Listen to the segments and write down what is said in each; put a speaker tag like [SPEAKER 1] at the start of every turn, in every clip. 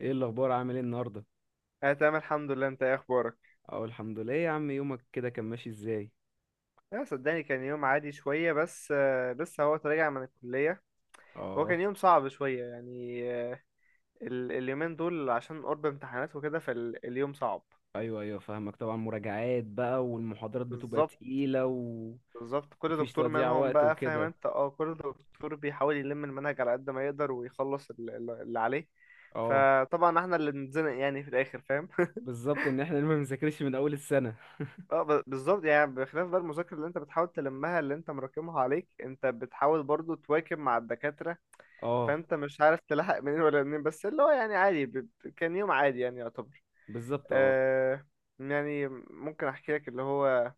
[SPEAKER 1] ايه الاخبار، عامل ايه النهارده؟
[SPEAKER 2] انا تمام الحمد لله. انت ايه اخبارك؟
[SPEAKER 1] اه، الحمد لله. إيه يا عم، يومك كده كان ماشي ازاي؟
[SPEAKER 2] لا، صدقني كان يوم عادي شويه بس، لسه هو راجع من الكليه. هو كان
[SPEAKER 1] اه.
[SPEAKER 2] يوم صعب شويه يعني. اليومين دول عشان قرب امتحانات وكده، فاليوم صعب.
[SPEAKER 1] ايوه ايوه، فاهمك طبعا. مراجعات بقى والمحاضرات بتبقى
[SPEAKER 2] بالظبط.
[SPEAKER 1] تقيله ومفيش
[SPEAKER 2] بالظبط، كل دكتور
[SPEAKER 1] تضييع
[SPEAKER 2] منهم
[SPEAKER 1] وقت
[SPEAKER 2] بقى فاهم
[SPEAKER 1] وكده.
[SPEAKER 2] انت، كل دكتور بيحاول يلم المنهج على قد ما يقدر ويخلص اللي عليه.
[SPEAKER 1] اه
[SPEAKER 2] فطبعا احنا اللي بنتزنق يعني في الاخر، فاهم؟
[SPEAKER 1] بالظبط، ان احنا ما بنذاكرش من اول السنه.
[SPEAKER 2] بالظبط، يعني بخلاف بقى المذاكرة اللي انت بتحاول تلمها اللي انت مراكمها عليك، انت بتحاول برضو تواكب مع الدكاترة.
[SPEAKER 1] اه
[SPEAKER 2] فانت مش عارف تلحق منين ولا منين، بس اللي هو يعني عادي. كان يوم عادي يعني يعتبر.
[SPEAKER 1] بالظبط. اه.
[SPEAKER 2] آه يعني ممكن احكي لك اللي هو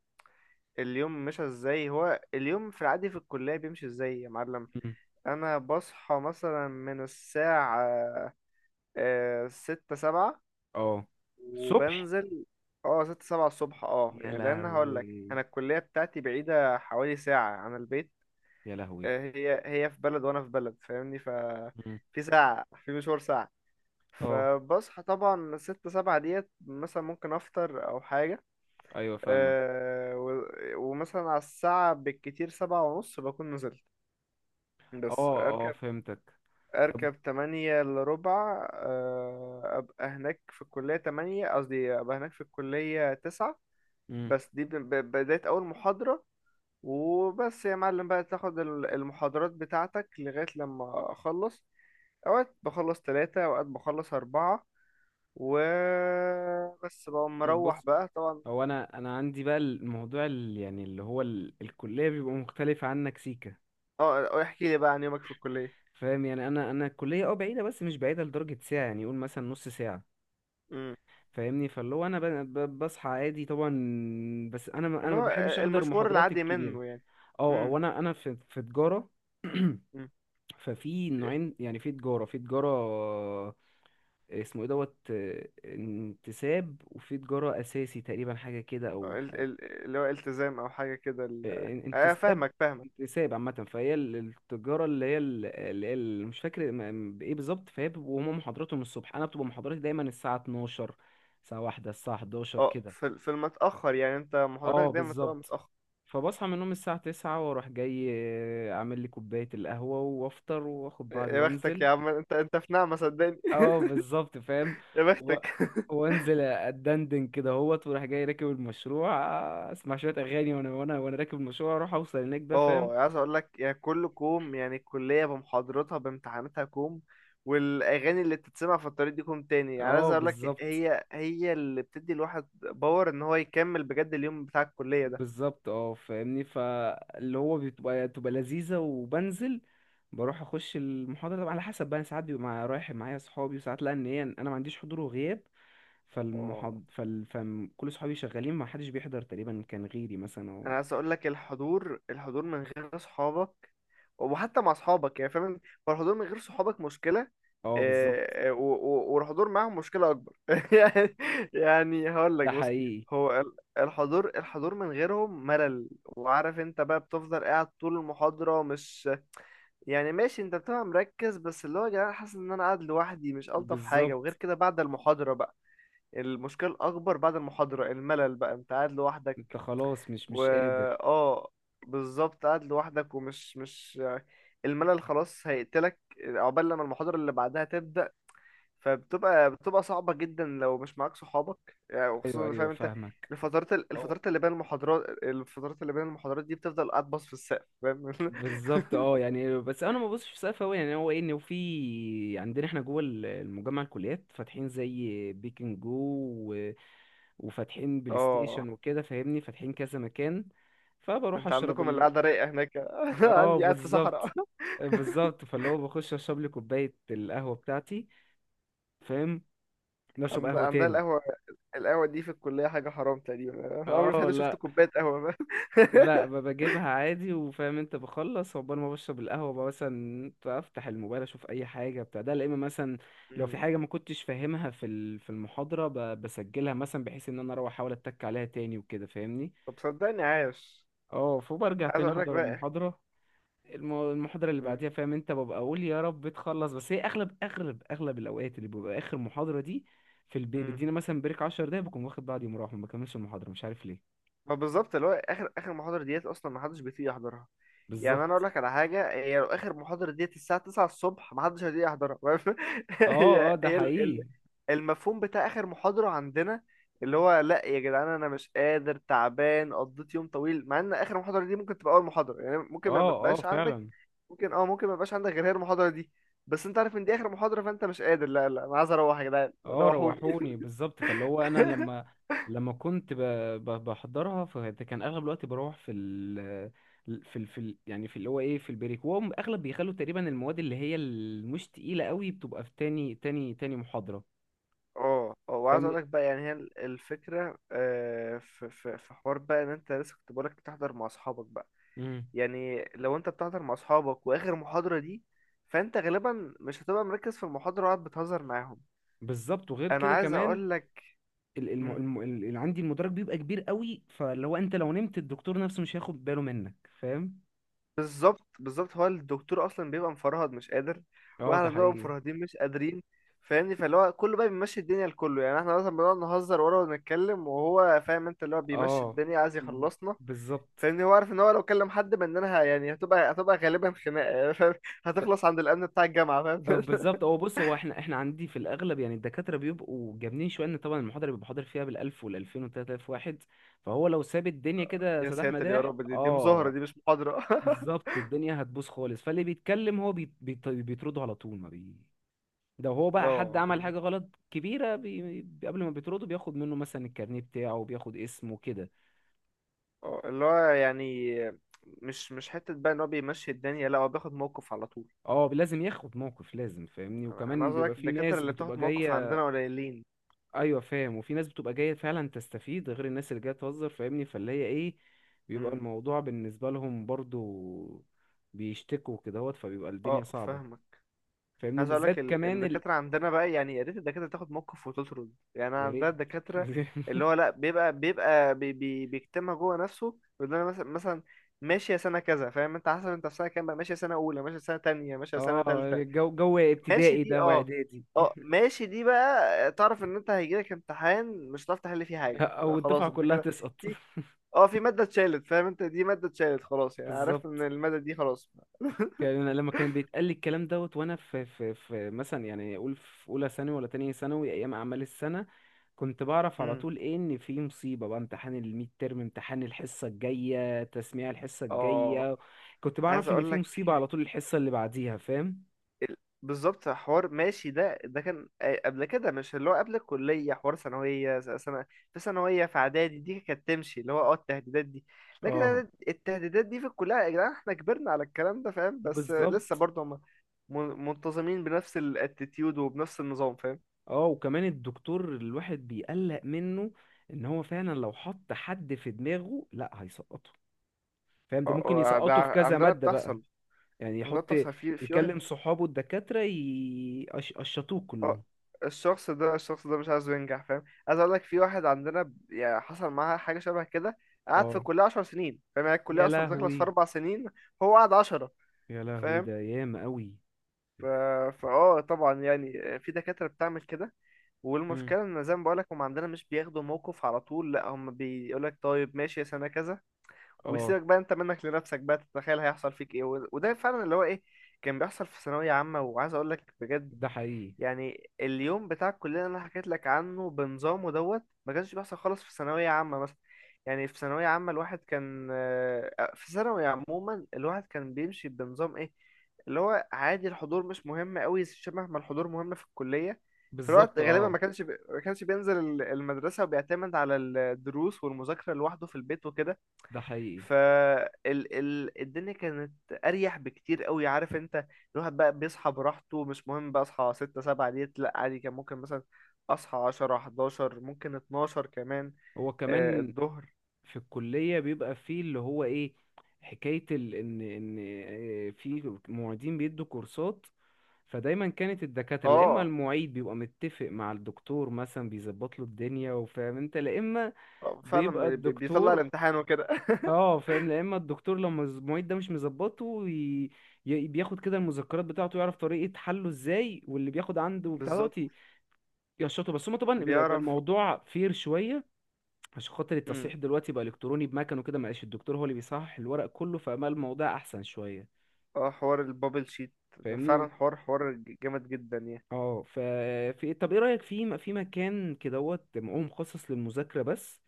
[SPEAKER 2] اليوم مشى ازاي. هو اليوم في العادي في الكلية بيمشي ازاي يا معلم؟
[SPEAKER 1] مم.
[SPEAKER 2] انا بصحى مثلا من الساعة 6 7،
[SPEAKER 1] اه، الصبح.
[SPEAKER 2] وبنزل. اه 6 7 الصبح،
[SPEAKER 1] يا
[SPEAKER 2] يعني، لان هقول لك
[SPEAKER 1] لهوي،
[SPEAKER 2] انا الكلية بتاعتي بعيدة حوالي ساعة عن البيت.
[SPEAKER 1] يا لهوي.
[SPEAKER 2] هي في بلد وانا في بلد، فاهمني.
[SPEAKER 1] مم.
[SPEAKER 2] في ساعة، في مشوار ساعة.
[SPEAKER 1] اه
[SPEAKER 2] فبصحى طبعا 6 7 ديت، مثلا ممكن أفطر أو حاجة.
[SPEAKER 1] ايوه فاهمك.
[SPEAKER 2] أه و- ومثلا على الساعة بالكتير 7 ونص بكون نزلت. بس
[SPEAKER 1] اه اه
[SPEAKER 2] أركب.
[SPEAKER 1] فهمتك. طب.
[SPEAKER 2] أركب 8 إلا ربع، أبقى هناك في الكلية 8، قصدي أبقى هناك في الكلية 9.
[SPEAKER 1] مم.
[SPEAKER 2] بس دي بداية أول محاضرة. وبس يا معلم بقى تاخد المحاضرات بتاعتك لغاية لما أخلص. أوقات بخلص 3، أوقات بخلص 4. وبس بقى
[SPEAKER 1] طب
[SPEAKER 2] مروح
[SPEAKER 1] بص،
[SPEAKER 2] بقى طبعا.
[SPEAKER 1] هو انا عندي بقى الموضوع يعني اللي هو الكليه بيبقى مختلف عنك سيكا.
[SPEAKER 2] اه، احكي لي بقى عن يومك في الكلية.
[SPEAKER 1] فاهم يعني، انا الكليه اه بعيده، بس مش بعيده لدرجه ساعه، يعني يقول مثلا نص ساعه.
[SPEAKER 2] امم
[SPEAKER 1] فاهمني، فاللي هو انا بصحى عادي طبعا. بس انا ما انا
[SPEAKER 2] اللي
[SPEAKER 1] ما
[SPEAKER 2] هو
[SPEAKER 1] بحبش احضر
[SPEAKER 2] المشوار
[SPEAKER 1] محاضرات
[SPEAKER 2] العادي
[SPEAKER 1] الكبيره.
[SPEAKER 2] منه يعني.
[SPEAKER 1] اه، او
[SPEAKER 2] امم
[SPEAKER 1] انا في تجاره.
[SPEAKER 2] امم
[SPEAKER 1] ففي نوعين يعني، في تجاره في تجاره، اسمه ايه دوت انتساب، وفي تجارة اساسي تقريبا حاجة كده، او
[SPEAKER 2] اللي هو التزام او حاجة كده. اه،
[SPEAKER 1] انتساب.
[SPEAKER 2] فاهمك فاهمك.
[SPEAKER 1] انتساب عامة، فهي التجارة اللي هي مش فاكر بإيه بالظبط. فهي بيبقوا هما محاضراتهم الصبح، أنا بتبقى محاضراتي دايما الساعة 12، الساعة واحدة، الساعة 11
[SPEAKER 2] اه،
[SPEAKER 1] كده.
[SPEAKER 2] في المتأخر يعني، انت
[SPEAKER 1] اه
[SPEAKER 2] محاضراتك دايما تبقى
[SPEAKER 1] بالظبط.
[SPEAKER 2] متأخر.
[SPEAKER 1] فبصحى من النوم الساعة 9 وأروح جاي، أعمل لي كوباية القهوة وأفطر وآخد بعضي
[SPEAKER 2] يا بختك
[SPEAKER 1] وأنزل.
[SPEAKER 2] يا عم، انت في نعمة صدقني.
[SPEAKER 1] اه بالظبط فاهم.
[SPEAKER 2] يا
[SPEAKER 1] و...
[SPEAKER 2] بختك.
[SPEAKER 1] وانزل اتدندن كده اهوت، وراح جاي راكب المشروع، اسمع شويه اغاني، وانا وانا راكب المشروع، اروح اوصل هناك بقى فاهم.
[SPEAKER 2] اه، عايز اقول لك يعني كل كوم، يعني الكليه بمحاضراتها بامتحاناتها كوم. والاغاني اللي بتتسمع في الطريق دي كوم تاني، يعني عايز
[SPEAKER 1] اه
[SPEAKER 2] اقول لك
[SPEAKER 1] بالظبط.
[SPEAKER 2] هي هي اللي بتدي الواحد باور ان هو يكمل بجد اليوم بتاع الكليه ده.
[SPEAKER 1] بالظبط اه، فاهمني، فاللي هو بتبقى لذيذة وبنزل. بروح اخش المحاضرة طبعا، على حسب بقى، ساعات بيبقى مع، رايح معايا اصحابي، وساعات لا، ان هي انا ما عنديش حضور وغياب.
[SPEAKER 2] اه،
[SPEAKER 1] فكل صحابي شغالين، ما حدش بيحضر تقريبا كان غيري مثلا
[SPEAKER 2] انا
[SPEAKER 1] او.
[SPEAKER 2] عايز اقول لك الحضور، الحضور من غير اصحابك. وحتى مع اصحابك يعني، فاهم؟ هو الحضور من غير صحابك مشكله.
[SPEAKER 1] اه بالظبط.
[SPEAKER 2] والحضور معاهم مشكله اكبر يعني. يعني هقول
[SPEAKER 1] ده
[SPEAKER 2] لك، بص.
[SPEAKER 1] حقيقي.
[SPEAKER 2] هو الحضور الحضور من غيرهم ملل، وعارف انت بقى بتفضل قاعد طول المحاضره مش. يعني ماشي، انت بتبقى مركز، بس اللي هو يا جدعان حاسس ان انا قاعد لوحدي مش الطف حاجه. وغير
[SPEAKER 1] بالظبط،
[SPEAKER 2] كده بعد المحاضره بقى، المشكله الاكبر بعد المحاضره الملل بقى، انت قاعد
[SPEAKER 1] انت
[SPEAKER 2] لوحدك
[SPEAKER 1] خلاص مش
[SPEAKER 2] و
[SPEAKER 1] مش قادر.
[SPEAKER 2] اه، بالظبط قاعد لوحدك ومش مش الملل خلاص هيقتلك عقبال لما المحاضرة اللي بعدها تبدأ. فبتبقى بتبقى صعبة جدا لو مش معاك صحابك يعني،
[SPEAKER 1] ايوه
[SPEAKER 2] وخصوصا
[SPEAKER 1] ايوه
[SPEAKER 2] فاهم انت،
[SPEAKER 1] فاهمك. أو-
[SPEAKER 2] الفترات اللي بين المحاضرات دي بتفضل قاعد باص في السقف، فاهم؟
[SPEAKER 1] بالظبط اه، يعني بس انا ما ببصش في سقف قوي. يعني هو ايه، ان في عندنا احنا جوه المجمع الكليات فاتحين زي بيكن جو. و... وفاتحين بلاي
[SPEAKER 2] اه،
[SPEAKER 1] ستيشن وكده، فاهمني، فاتحين كذا مكان. فبروح
[SPEAKER 2] انت
[SPEAKER 1] اشرب
[SPEAKER 2] عندكم
[SPEAKER 1] ال...
[SPEAKER 2] القعدة رايقة هناك.
[SPEAKER 1] اه
[SPEAKER 2] عندي قاعد في صحراء.
[SPEAKER 1] بالظبط. بالظبط، فاللي هو بخش اشرب لي كوبايه القهوه بتاعتي. فاهم. نشرب قهوه
[SPEAKER 2] عندها
[SPEAKER 1] تاني.
[SPEAKER 2] القهوة. القهوة دي في الكلية حاجة حرام تقريبا. عمري في
[SPEAKER 1] اه
[SPEAKER 2] حياتي شفت
[SPEAKER 1] لا.
[SPEAKER 2] كوباية قهوة. فاهم؟
[SPEAKER 1] لا، بجيبها عادي، وفاهم انت، بخلص عقبال ما بشرب القهوة بقى، مثلا افتح الموبايل، اشوف اي حاجة بتاع ده. لا، اما مثلا لو
[SPEAKER 2] مم.
[SPEAKER 1] في حاجة ما كنتش فاهمها في في المحاضرة، بسجلها مثلا، بحيث ان انا اروح احاول اتك عليها تاني وكده فاهمني.
[SPEAKER 2] طب، صدقني عاش.
[SPEAKER 1] اه، فبرجع
[SPEAKER 2] عايز
[SPEAKER 1] تاني
[SPEAKER 2] اقول لك
[SPEAKER 1] احضر
[SPEAKER 2] بقى.
[SPEAKER 1] المحاضرة. المحاضرة اللي
[SPEAKER 2] مم.
[SPEAKER 1] بعديها، فاهم انت، ببقى اقول يا رب تخلص. بس هي اغلب الاوقات اللي بيبقى اخر محاضرة دي في البيت،
[SPEAKER 2] مم.
[SPEAKER 1] بيدينا مثلا بريك 10 دقايق، بكون واخد بعضي ومروح، ما بكملش المحاضرة، مش عارف ليه.
[SPEAKER 2] ما بالظبط، اللي هو اخر اخر محاضره ديت اصلا ما حدش بيطيق يحضرها. يعني انا اقول
[SPEAKER 1] بالظبط.
[SPEAKER 2] لك على حاجه، هي لو اخر محاضره ديت الساعه 9 الصبح ما حدش هيطيق يحضرها، واقف؟
[SPEAKER 1] اه
[SPEAKER 2] هي
[SPEAKER 1] اه ده
[SPEAKER 2] هي
[SPEAKER 1] حقيقي.
[SPEAKER 2] المفهوم بتاع اخر محاضره عندنا، اللي هو، لا يا جدعان انا مش قادر، تعبان، قضيت يوم طويل، مع ان اخر محاضره دي ممكن تبقى اول محاضره، يعني ممكن ما
[SPEAKER 1] اه اه
[SPEAKER 2] يبقاش عندك.
[SPEAKER 1] فعلا.
[SPEAKER 2] ممكن، ممكن ما يبقاش عندك غير هي المحاضره دي. بس انت عارف ان دي اخر محاضره فانت مش قادر، لا لا انا عايز اروح يا جدعان.
[SPEAKER 1] اه
[SPEAKER 2] روحوني!
[SPEAKER 1] روحوني. بالظبط، فاللي هو انا لما، لما كنت ب... بحضرها، فكان اغلب الوقت بروح في يعني في اللي هو ايه، في البريك، وهم اغلب بيخلوا تقريبا المواد اللي هي المش تقيله قوي بتبقى في تاني محاضره،
[SPEAKER 2] اه اه، وعايز اقول
[SPEAKER 1] فاهمني.
[SPEAKER 2] لك بقى، يعني هي الفكره، في حوار بقى ان انت لسه كنت بقولك بتحضر مع اصحابك بقى.
[SPEAKER 1] امم.
[SPEAKER 2] يعني لو انت بتحضر مع اصحابك واخر محاضره دي، فانت غالبا مش هتبقى مركز في المحاضره وقاعد بتهزر معاهم.
[SPEAKER 1] بالظبط، وغير
[SPEAKER 2] انا
[SPEAKER 1] كده
[SPEAKER 2] عايز
[SPEAKER 1] كمان
[SPEAKER 2] اقول لك.
[SPEAKER 1] الم... اللي عندي المدرج بيبقى كبير قوي، فاللي هو انت لو نمت الدكتور نفسه مش هياخد باله منك، فاهم.
[SPEAKER 2] بالظبط بالظبط، هو الدكتور اصلا بيبقى مفرهد مش قادر.
[SPEAKER 1] اه ده
[SPEAKER 2] واحنا بنبقى
[SPEAKER 1] حقيقي.
[SPEAKER 2] مفرهدين مش قادرين. فاهمني، فاللي هو كله بقى بيمشي الدنيا لكله، يعني احنا مثلا بنقعد نهزر ورا ونتكلم، وهو فاهم انت اللي هو بيمشي
[SPEAKER 1] اه
[SPEAKER 2] الدنيا عايز يخلصنا.
[SPEAKER 1] بالظبط.
[SPEAKER 2] فاهمني، هو عارف ان هو لو كلم حد مننا يعني هتبقى غالبا خناقه يعني، فاهم؟ هتخلص عند الامن بتاع الجامعه، فاهم؟
[SPEAKER 1] بالظبط. هو بص، هو احنا عندي في الاغلب يعني الدكاتره بيبقوا جامدين شويه، ان طبعا المحاضره بيبقى حاضر فيها بالالف والالفين والتلات الاف واحد، فهو لو ساب الدنيا كده
[SPEAKER 2] يا
[SPEAKER 1] سداح
[SPEAKER 2] ساتر يا
[SPEAKER 1] مداح،
[SPEAKER 2] رب، دي مظاهره
[SPEAKER 1] اه.
[SPEAKER 2] دي مش محاضره.
[SPEAKER 1] بالظبط، الدنيا هتبوظ خالص. فاللي بيتكلم هو بي بي بيطرده على طول، ما بي، ده هو بقى حد
[SPEAKER 2] اه،
[SPEAKER 1] عمل
[SPEAKER 2] اللي هو،
[SPEAKER 1] حاجه غلط كبيره، قبل ما بيطرده بياخد منه مثلا الكارنيه بتاعه وبياخد اسمه كده.
[SPEAKER 2] اللي هو يعني مش حته بقى ان هو بيمشي الدنيا، لا هو بياخد موقف على طول.
[SPEAKER 1] اه لازم ياخد موقف، لازم، فاهمني.
[SPEAKER 2] انا
[SPEAKER 1] وكمان
[SPEAKER 2] عايز اقول
[SPEAKER 1] بيبقى
[SPEAKER 2] لك
[SPEAKER 1] في
[SPEAKER 2] الدكاتره
[SPEAKER 1] ناس
[SPEAKER 2] اللي بتاخد
[SPEAKER 1] بتبقى
[SPEAKER 2] موقف
[SPEAKER 1] جايه.
[SPEAKER 2] عندنا قليلين.
[SPEAKER 1] ايوه فاهم، وفي ناس بتبقى جايه فعلا تستفيد، غير الناس اللي جايه تهزر، فاهمني، فاللي هي ايه، بيبقى
[SPEAKER 2] امم
[SPEAKER 1] الموضوع بالنسبه لهم برضو بيشتكوا كدهوت، فبيبقى الدنيا
[SPEAKER 2] اه،
[SPEAKER 1] صعبه،
[SPEAKER 2] فاهمك.
[SPEAKER 1] فاهمني.
[SPEAKER 2] عايز اقول لك،
[SPEAKER 1] وبالذات كمان
[SPEAKER 2] الدكاتره عندنا بقى، يعني يا ريت الدكاتره تاخد موقف وتطرد يعني
[SPEAKER 1] يا
[SPEAKER 2] عندنا
[SPEAKER 1] ريت.
[SPEAKER 2] الدكاتره. اللي هو لا بيبقى بي بي بيكتمها جوه نفسه، بيقول لنا مثلا ماشيه سنه كذا، فاهم انت، حسب انت في سنه كام بقى، ماشيه سنه اولى، ماشيه سنه تانية، ماشيه سنه
[SPEAKER 1] اه،
[SPEAKER 2] تالتة.
[SPEAKER 1] الجو
[SPEAKER 2] ماشي
[SPEAKER 1] ابتدائي
[SPEAKER 2] دي،
[SPEAKER 1] ده
[SPEAKER 2] اه.
[SPEAKER 1] واعدادي.
[SPEAKER 2] اه، ماشي دي بقى تعرف ان انت هيجيلك امتحان مش هتعرف تحل فيه حاجه، لا
[SPEAKER 1] او الدفعه
[SPEAKER 2] خلاص انت
[SPEAKER 1] كلها
[SPEAKER 2] كده.
[SPEAKER 1] تسقط.
[SPEAKER 2] في اه في ماده اتشالت، فاهم انت دي ماده اتشالت خلاص، يعني عرفت ان
[SPEAKER 1] بالظبط.
[SPEAKER 2] الماده دي خلاص.
[SPEAKER 1] كان أنا لما كان بيتقال لي الكلام دوت وانا في مثلا، يعني اقول في اولى ثانوي ولا تانية ثانوي، ايام اعمال السنه، كنت بعرف على
[SPEAKER 2] امم.
[SPEAKER 1] طول ايه، ان في مصيبه بقى، امتحان الميد ترم، امتحان الحصه الجايه، تسميع الحصه
[SPEAKER 2] اه،
[SPEAKER 1] الجايه. كنت
[SPEAKER 2] عايز
[SPEAKER 1] بعرف ان
[SPEAKER 2] اقول
[SPEAKER 1] في
[SPEAKER 2] لك
[SPEAKER 1] مصيبه على طول الحصه اللي بعديها، فاهم.
[SPEAKER 2] ال- بالظبط، حوار ماشي ده كان قبل كده، مش اللي هو قبل الكلية حوار ثانوية، سنة. في ثانوية في إعدادي دي كانت تمشي اللي هو التهديدات دي. لكن
[SPEAKER 1] اه
[SPEAKER 2] أنا التهديدات دي في الكلية يا جدعان احنا كبرنا على الكلام ده فاهم، بس لسه
[SPEAKER 1] بالظبط.
[SPEAKER 2] برضه هم منتظمين بنفس الاتيتيود وبنفس النظام، فاهم؟
[SPEAKER 1] اه، وكمان الدكتور الواحد بيقلق منه، ان هو فعلا لو حط حد في دماغه لا هيسقطه، فاهم، ده
[SPEAKER 2] اه،
[SPEAKER 1] ممكن
[SPEAKER 2] ده
[SPEAKER 1] يسقطه في كذا
[SPEAKER 2] عندنا
[SPEAKER 1] ماده بقى،
[SPEAKER 2] بتحصل
[SPEAKER 1] يعني
[SPEAKER 2] عندنا
[SPEAKER 1] يحط،
[SPEAKER 2] بتحصل في واحد.
[SPEAKER 1] يكلم صحابه الدكاترة يقشطوه
[SPEAKER 2] اه،
[SPEAKER 1] كلهم.
[SPEAKER 2] الشخص ده الشخص ده مش عايزه ينجح، فاهم؟ عايز اقول لك في واحد عندنا يعني حصل معاه حاجه شبه كده، قعد في
[SPEAKER 1] اه.
[SPEAKER 2] الكليه 10 سنين، فاهم؟ يعني الكليه
[SPEAKER 1] يا
[SPEAKER 2] اصلا بتخلص في
[SPEAKER 1] لهوي،
[SPEAKER 2] 4 سنين. هو قعد 10،
[SPEAKER 1] يا لهوي،
[SPEAKER 2] فاهم.
[SPEAKER 1] ده ياما قوي.
[SPEAKER 2] ف... فاه طبعا يعني في دكاتره بتعمل كده.
[SPEAKER 1] امم.
[SPEAKER 2] والمشكله ان زي ما بقول لك، هم عندنا مش بياخدوا موقف على طول، لا هم بيقول لك طيب ماشي يا سنه كذا.
[SPEAKER 1] اه
[SPEAKER 2] ويسيبك بقى انت منك لنفسك بقى تتخيل هيحصل فيك ايه، وده فعلا اللي هو ايه كان بيحصل في ثانويه عامه. وعايز اقول لك بجد،
[SPEAKER 1] ده حقيقي.
[SPEAKER 2] يعني اليوم بتاع الكلية اللي انا حكيت لك عنه بنظامه دوت ما كانش بيحصل خالص في ثانوية عامة مثلا. يعني في ثانوية عامة الواحد كان، في ثانوي عموما الواحد كان بيمشي بنظام ايه، اللي هو عادي، الحضور مش مهم قوي شبه ما الحضور مهم في الكلية. في الوقت
[SPEAKER 1] بالظبط،
[SPEAKER 2] غالبا
[SPEAKER 1] اه
[SPEAKER 2] ما كانش بينزل المدرسة، وبيعتمد على الدروس والمذاكرة لوحده في البيت وكده.
[SPEAKER 1] ده حقيقي.
[SPEAKER 2] فالدنيا كانت اريح بكتير قوي، عارف انت. الواحد بقى بيصحى براحته، مش مهم بقى اصحى 6 7 ديت، لا عادي كان ممكن مثلا اصحى 10 11، ممكن 12 كمان.
[SPEAKER 1] هو كمان
[SPEAKER 2] الظهر.
[SPEAKER 1] في الكلية بيبقى فيه اللي هو ايه، ان في معيدين بيدوا كورسات، فدايما كانت الدكاترة، لا اما
[SPEAKER 2] اه،
[SPEAKER 1] المعيد بيبقى متفق مع الدكتور مثلا، بيظبط له الدنيا، وفاهم انت، لا اما
[SPEAKER 2] فعلا
[SPEAKER 1] بيبقى
[SPEAKER 2] بيطلع
[SPEAKER 1] الدكتور،
[SPEAKER 2] الامتحان وكده.
[SPEAKER 1] اه فاهم، يا اما الدكتور لما المعيد ده مش مظبطه بياخد كده المذكرات بتاعته، يعرف طريقة حله ازاي، واللي بياخد عنده بتاع
[SPEAKER 2] بالظبط
[SPEAKER 1] دوت يشطه. بس هما طبعا بيبقى
[SPEAKER 2] بيعرف.
[SPEAKER 1] الموضوع فير شوية عشان خاطر
[SPEAKER 2] امم.
[SPEAKER 1] التصحيح دلوقتي بقى الكتروني بمكن وكده، مبقاش الدكتور هو اللي بيصحح الورق كله، فبقى الموضوع احسن شوية،
[SPEAKER 2] اه، حوار البابل شيت ده فعلا
[SPEAKER 1] فاهمني.
[SPEAKER 2] حوار حوار جامد جدا يعني.
[SPEAKER 1] اه ف، في إيه، طب ايه رأيك في مكان كدهوت معاه مخصص للمذاكرة بس،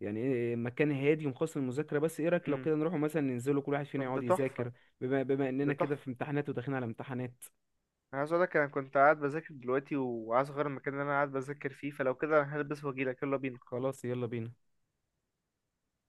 [SPEAKER 1] يعني إيه، مكان هادي ومخصص للمذاكرة بس، ايه رأيك لو
[SPEAKER 2] امم.
[SPEAKER 1] كده نروحوا مثلا ننزلوا كل واحد فينا
[SPEAKER 2] طب، ده
[SPEAKER 1] يقعد
[SPEAKER 2] تحفة.
[SPEAKER 1] يذاكر، بما
[SPEAKER 2] ده
[SPEAKER 1] اننا كده
[SPEAKER 2] تحفة.
[SPEAKER 1] في امتحانات وداخلين على امتحانات؟
[SPEAKER 2] انا عايز اقولك، انا كنت قاعد بذاكر دلوقتي وعايز اغير المكان اللي انا قاعد بذاكر فيه، فلو كده انا هلبس واجيلك. يلا بينا.
[SPEAKER 1] خلاص يلا بينا.